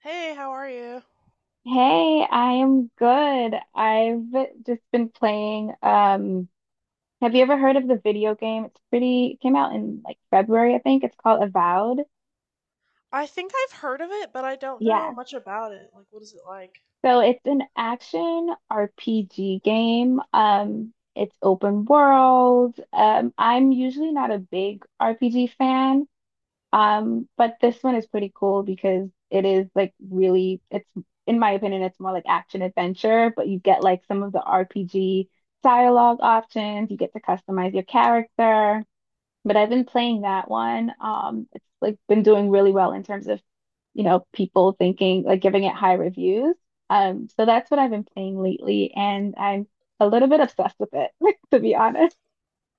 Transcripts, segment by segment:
Hey, how are you? Hey, I am good. I've just been playing. Have you ever heard of the video game? It came out in like February, I think. It's called Avowed. I think I've heard of it, but I don't know Yeah. much about it. Like, what is it like? So it's an action RPG game. It's open world. I'm usually not a big RPG fan. But this one is pretty cool because it is like really, it's in my opinion, it's more like action adventure, but you get like some of the RPG dialogue options. You get to customize your character. But I've been playing that one. It's like been doing really well in terms of, people thinking like giving it high reviews. So that's what I've been playing lately, and I'm a little bit obsessed with it, to be honest.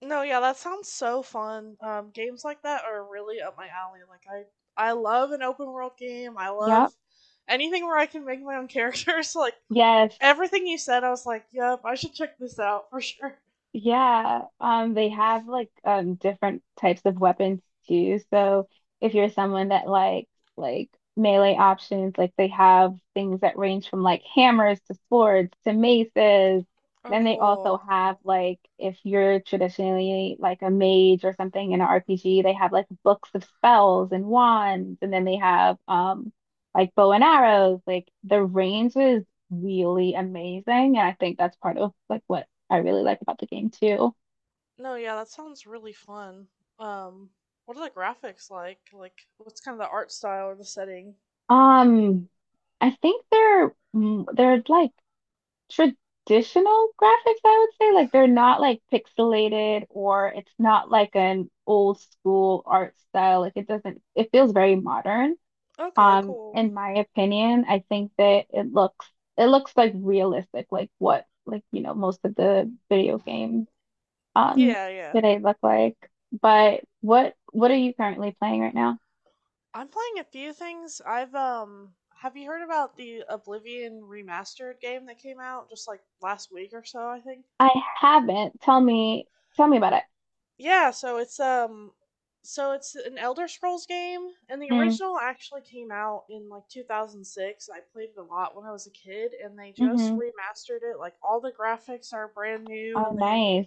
No, yeah, that sounds so fun. Games like that are really up my alley. I love an open world game. I Yep. love anything where I can make my own characters. Like, Yes. everything you said, I was like, yep, I should check this out for sure. Yeah, they have like different types of weapons too. So if you're someone that likes like melee options, like they have things that range from like hammers to swords to maces. Oh, Then they also cool. have like if you're traditionally like a mage or something in an RPG, they have like books of spells and wands, and then they have like bow and arrows. Like the range is really amazing, and I think that's part of like what I really like about the game too. No, yeah, that sounds really fun. Um, what are the graphics like? Like, what's kind of the art style or the setting? Um, I think they're they're like traditional graphics, I would say. Like they're not like pixelated or it's not like an old school art style. Like it doesn't it feels very modern. Okay, Um, cool. in my opinion, I think that it looks like realistic, like what like you know most of the video games um Yeah, yeah. today look like. But what are you currently playing right now? I'm playing a few things. I've have you heard about the Oblivion remastered game that came out just like last week or so, I think? I haven't. Tell me about it. Yeah, so it's an Elder Scrolls game and the Mm, original actually came out in like 2006. I played it a lot when I was a kid and they just mm-hmm. remastered it. Like all the graphics are brand new Oh, and they, nice.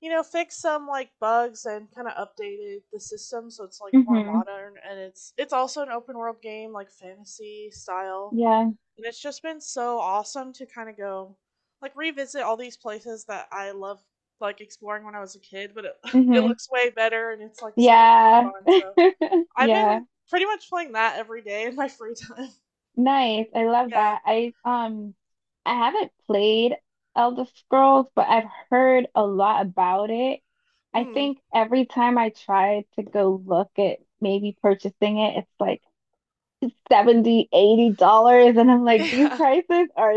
you know, fixed some like bugs and kind of updated the system so it's like more Mm-hmm. modern and it's also an open world game like fantasy style. Yeah. And it's just been so awesome to kind of go like revisit all these places that I love like exploring when I was a kid, but it, it Mm-hmm. looks way better and it's like so much Yeah. more fun. So I've Yeah. been pretty much playing that every day in my free time. Nice. I love Yeah. that. I haven't played Elder Scrolls, but I've heard a lot about it. I Mm. think every time I try to go look at maybe purchasing it, it's like 70, $80 and I'm like these Yeah. prices are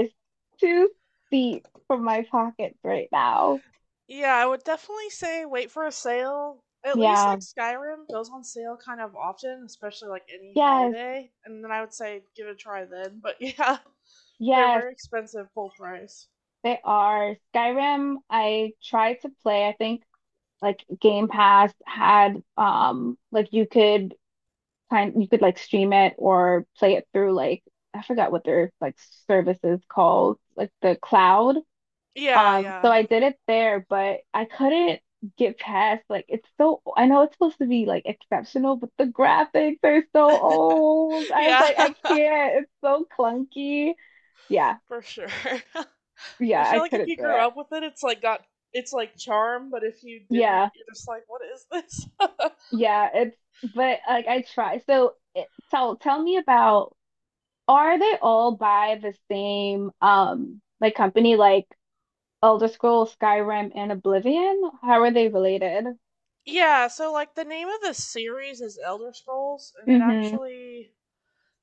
too steep for my pockets right now. Yeah, I would definitely say wait for a sale. At least Yeah, like Skyrim goes on sale kind of often, especially like any yes, holiday. And then I would say give it a try then. But yeah, they're yes, very expensive full price. they are. Skyrim, I tried to play. I think like Game Pass had like you could like stream it or play it through like I forgot what their like service is called, like the cloud. Yeah, So yeah. I did it there, but I couldn't get past like it's so I know it's supposed to be like exceptional, but the graphics are so old. I was Yeah, like, I can't. It's so clunky. Yeah, for sure. I yeah, I feel like if couldn't you do grew it. up with it, it's like got it's like charm, but if you didn't, Yeah, you're just like, what is this? yeah, it's but like I try. Tell me about are they all by the same like company like Elder Scrolls, Skyrim, and Oblivion? How are they related? Yeah, so like the name of the series is Elder Scrolls, and it Mm-hmm. actually,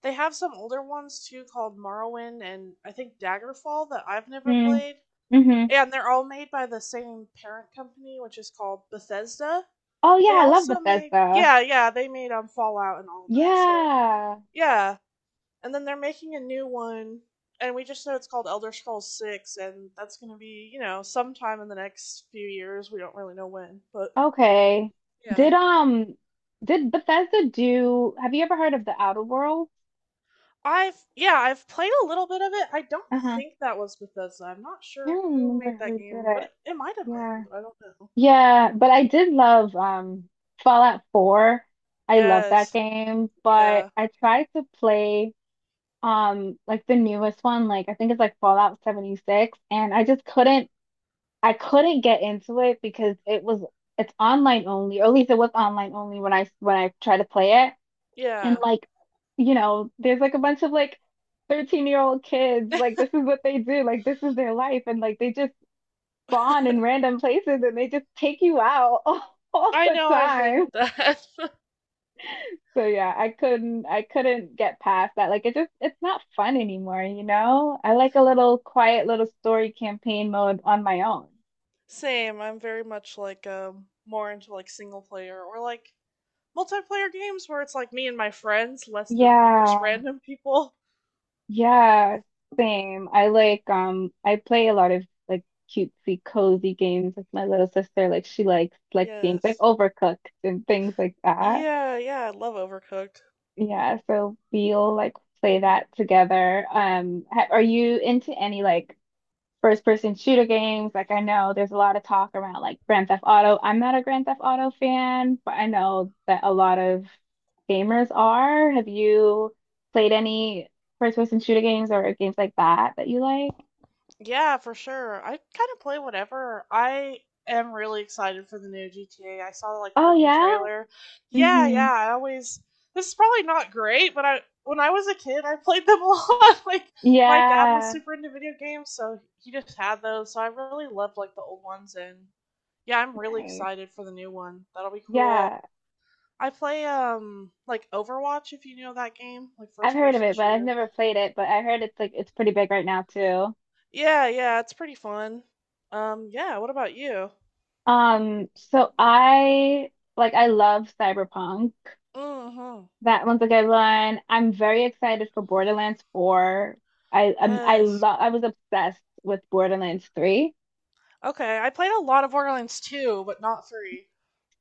they have some older ones too called Morrowind and I think Daggerfall that I've never Mm, played. hmm And they're all made by the same parent company, which is called Bethesda. Oh They yeah, I love also made, Bethesda. yeah, yeah, they made Fallout and all that. So Yeah. yeah. And then they're making a new one and we just know it's called Elder Scrolls Six and that's gonna be, you know, sometime in the next few years. We don't really know when, but Okay. yeah. Did um did Bethesda do have you ever heard of the Outer Worlds? I've, yeah, I've played a little bit of it. I don't Uh-huh. think that was Bethesda. I'm not I sure don't who remember made that who did game, but it. it might have been, Yeah. but I don't know. Yeah, but I did love Fallout 4. I love that Yes. game, but Yeah. I tried to play like the newest one, like I think it's like Fallout 76, and I couldn't get into it because it's online only, or at least it was online only when I tried to play it. And Yeah. like, you know, there's like a bunch of like 13-year-old kids, like this is what they do, like this is their life, and like they just spawn in random places and they just take you out all I the know I hate time. that. So yeah, I couldn't get past that. Like it's not fun anymore, you know? I like a little quiet little story campaign mode on my own. Same. I'm very much like more into like single player or like multiplayer games where it's like me and my friends less than like just Yeah. random people. Yeah, same. I like I play a lot of like cutesy cozy games with my little sister. Like she likes like games like Yes. Overcooked and things like that. Yeah, yeah, I love Overcooked. Yeah, so we'll like play that together. Ha are you into any like first person shooter games? Like I know there's a lot of talk around like Grand Theft Auto. I'm not a Grand Theft Auto fan, but I know that a lot of gamers are. Have you played any first person shooter games or games like that that you like? Yeah, for sure. I kind of play whatever. I am really excited for the new GTA. I saw like the Oh new yeah? trailer. Yeah, hmm yeah. I always, this is probably not great, but I when I was a kid, I played them a lot. Like my dad was Yeah. super into video games, so he just had those. So I really loved like the old ones and yeah, I'm really Nice. excited for the new one. That'll be cool. Yeah. I play like Overwatch if you know that game, like I've first heard of person it, but I've shooter. never played it, but I heard it's like it's pretty big right now too. Yeah, yeah, it's pretty fun. Um, yeah, what about you? So I like I love Cyberpunk. Hmm. That one's a good one. I'm very excited for Borderlands 4. Yes. I was obsessed with Borderlands 3. Okay, I played a lot of Borderlands 2, but not 3.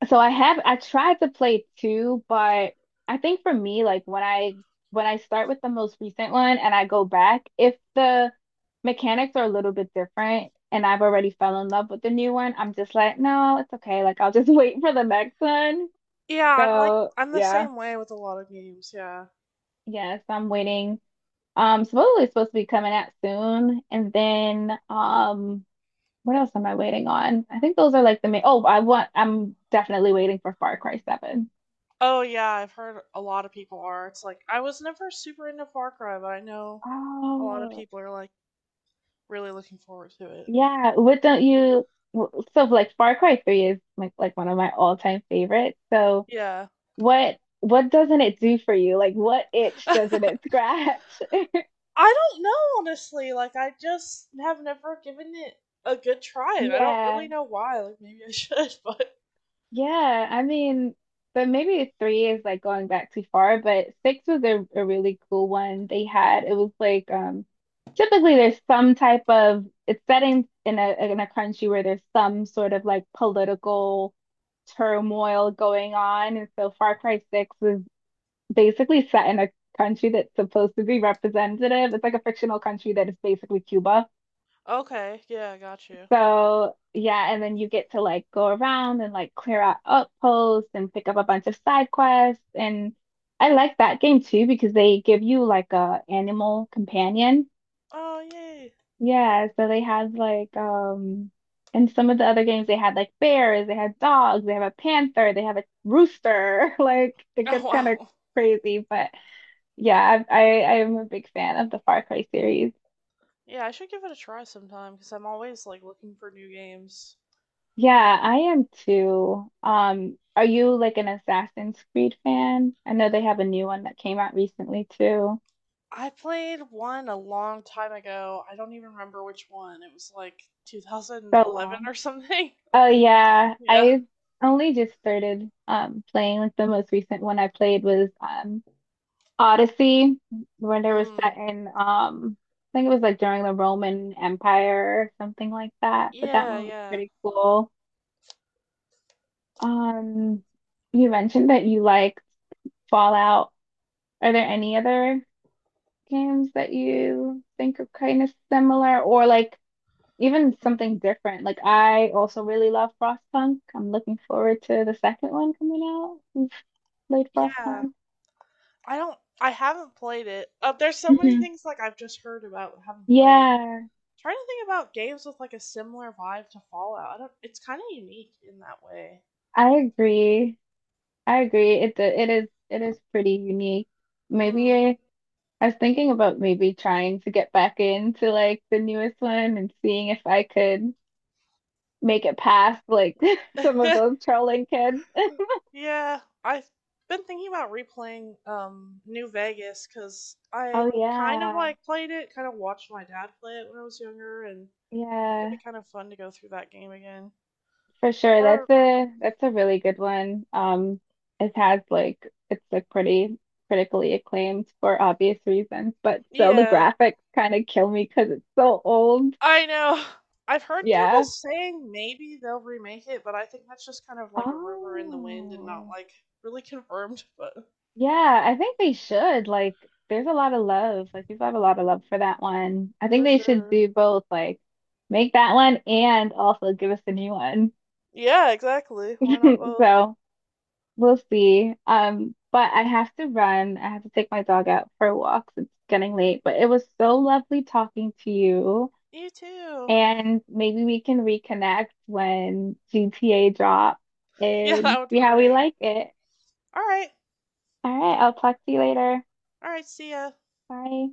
So I tried to play 2, but I think for me like when I start with the most recent one and I go back, if the mechanics are a little bit different and I've already fell in love with the new one, I'm just like, no, it's okay. Like I'll just wait for the next one. Yeah, I'm like So, I'm the yeah, same way with a lot of games, yeah. yes, I'm waiting. Supposedly it's supposed to be coming out soon. And then what else am I waiting on? I think those are like the main I'm definitely waiting for Far Cry 7. Oh yeah, I've heard a lot of people are. It's like I was never super into Far Cry, but I know a lot of Oh, people are like really looking forward to it. yeah, what don't you Far Cry 3 is like one of my all-time favorites. So Yeah. what doesn't it do for you? Like what itch I doesn't it scratch? don't know honestly, like I just have never given it a good try and I don't Yeah. really know why. Like maybe I should, but Yeah, I mean, but maybe three is like going back too far, but six was a really cool one they had. It was like typically there's some type of it's set in in a country where there's some sort of like political turmoil going on. And so Far Cry 6 is basically set in a country that's supposed to be representative. It's like a fictional country that is basically Cuba. okay, yeah, I got you. So yeah, and then you get to like go around and like clear out outposts and pick up a bunch of side quests. And I like that game too because they give you like a animal companion. Oh yay. Yeah, so they had like in some of the other games they had like bears, they had dogs, they have a panther, they have a rooster. Like it Oh gets kind of wow. crazy, but yeah, I'm a big fan of the Far Cry series. Yeah, I should give it a try sometime because I'm always like looking for new games. Yeah, I am too. Are you like an Assassin's Creed fan? I know they have a new one that came out recently too. I played one a long time ago. I don't even remember which one. It was like So 2011 long. or something. Oh yeah, Yeah. I only just started playing like the most recent one I played was Odyssey when it was Mm. set in I think it was like during the Roman Empire or something like that, but that Yeah, one was yeah. pretty cool. Um, you mentioned that you like Fallout. Are there any other games that you think are kind of similar or like even Mm. something different? Like I also really love Frostpunk. I'm looking forward to the second one coming out. You played Yeah. Frostpunk. I don't I haven't played it. There's so many hmm things like I've just heard about but haven't played. Yeah, Trying to think about games with like a similar vibe to Fallout. I don't it's kind of unique in that way. I agree. I agree. It is pretty unique. Maybe Mm. I, I was thinking about maybe trying to get back into like the newest one and seeing if I could make it past like some of those trolling kids. Yeah, I've been thinking about replaying New Vegas because I Oh kind of yeah. like played it, kind of watched my dad play it when I was younger, and I think it'd be Yeah. kind of fun to go through that game again. For sure. Or That's a really good one. It has like it's like pretty critically acclaimed for obvious reasons, but still the yeah, graphics kind of kill me because it's so old. I know. I've heard people Yeah. saying maybe they'll remake it, but I think that's just kind of like a rumor in the wind and not Oh. like really confirmed, but Yeah, I think they should. Like, there's a lot of love. Like, people have a lot of love for that one. I think for they should sure. do both, like make that one and also give us a new one. Yeah, exactly. Why not both? So we'll see. But I have to run. I have to take my dog out for walks. It's getting late, but it was so lovely talking to you. You too. And maybe we can reconnect when GTA drops Yeah, and that would see be how we great. like it. All right. All right, I'll talk to you later. All right, see ya. Bye.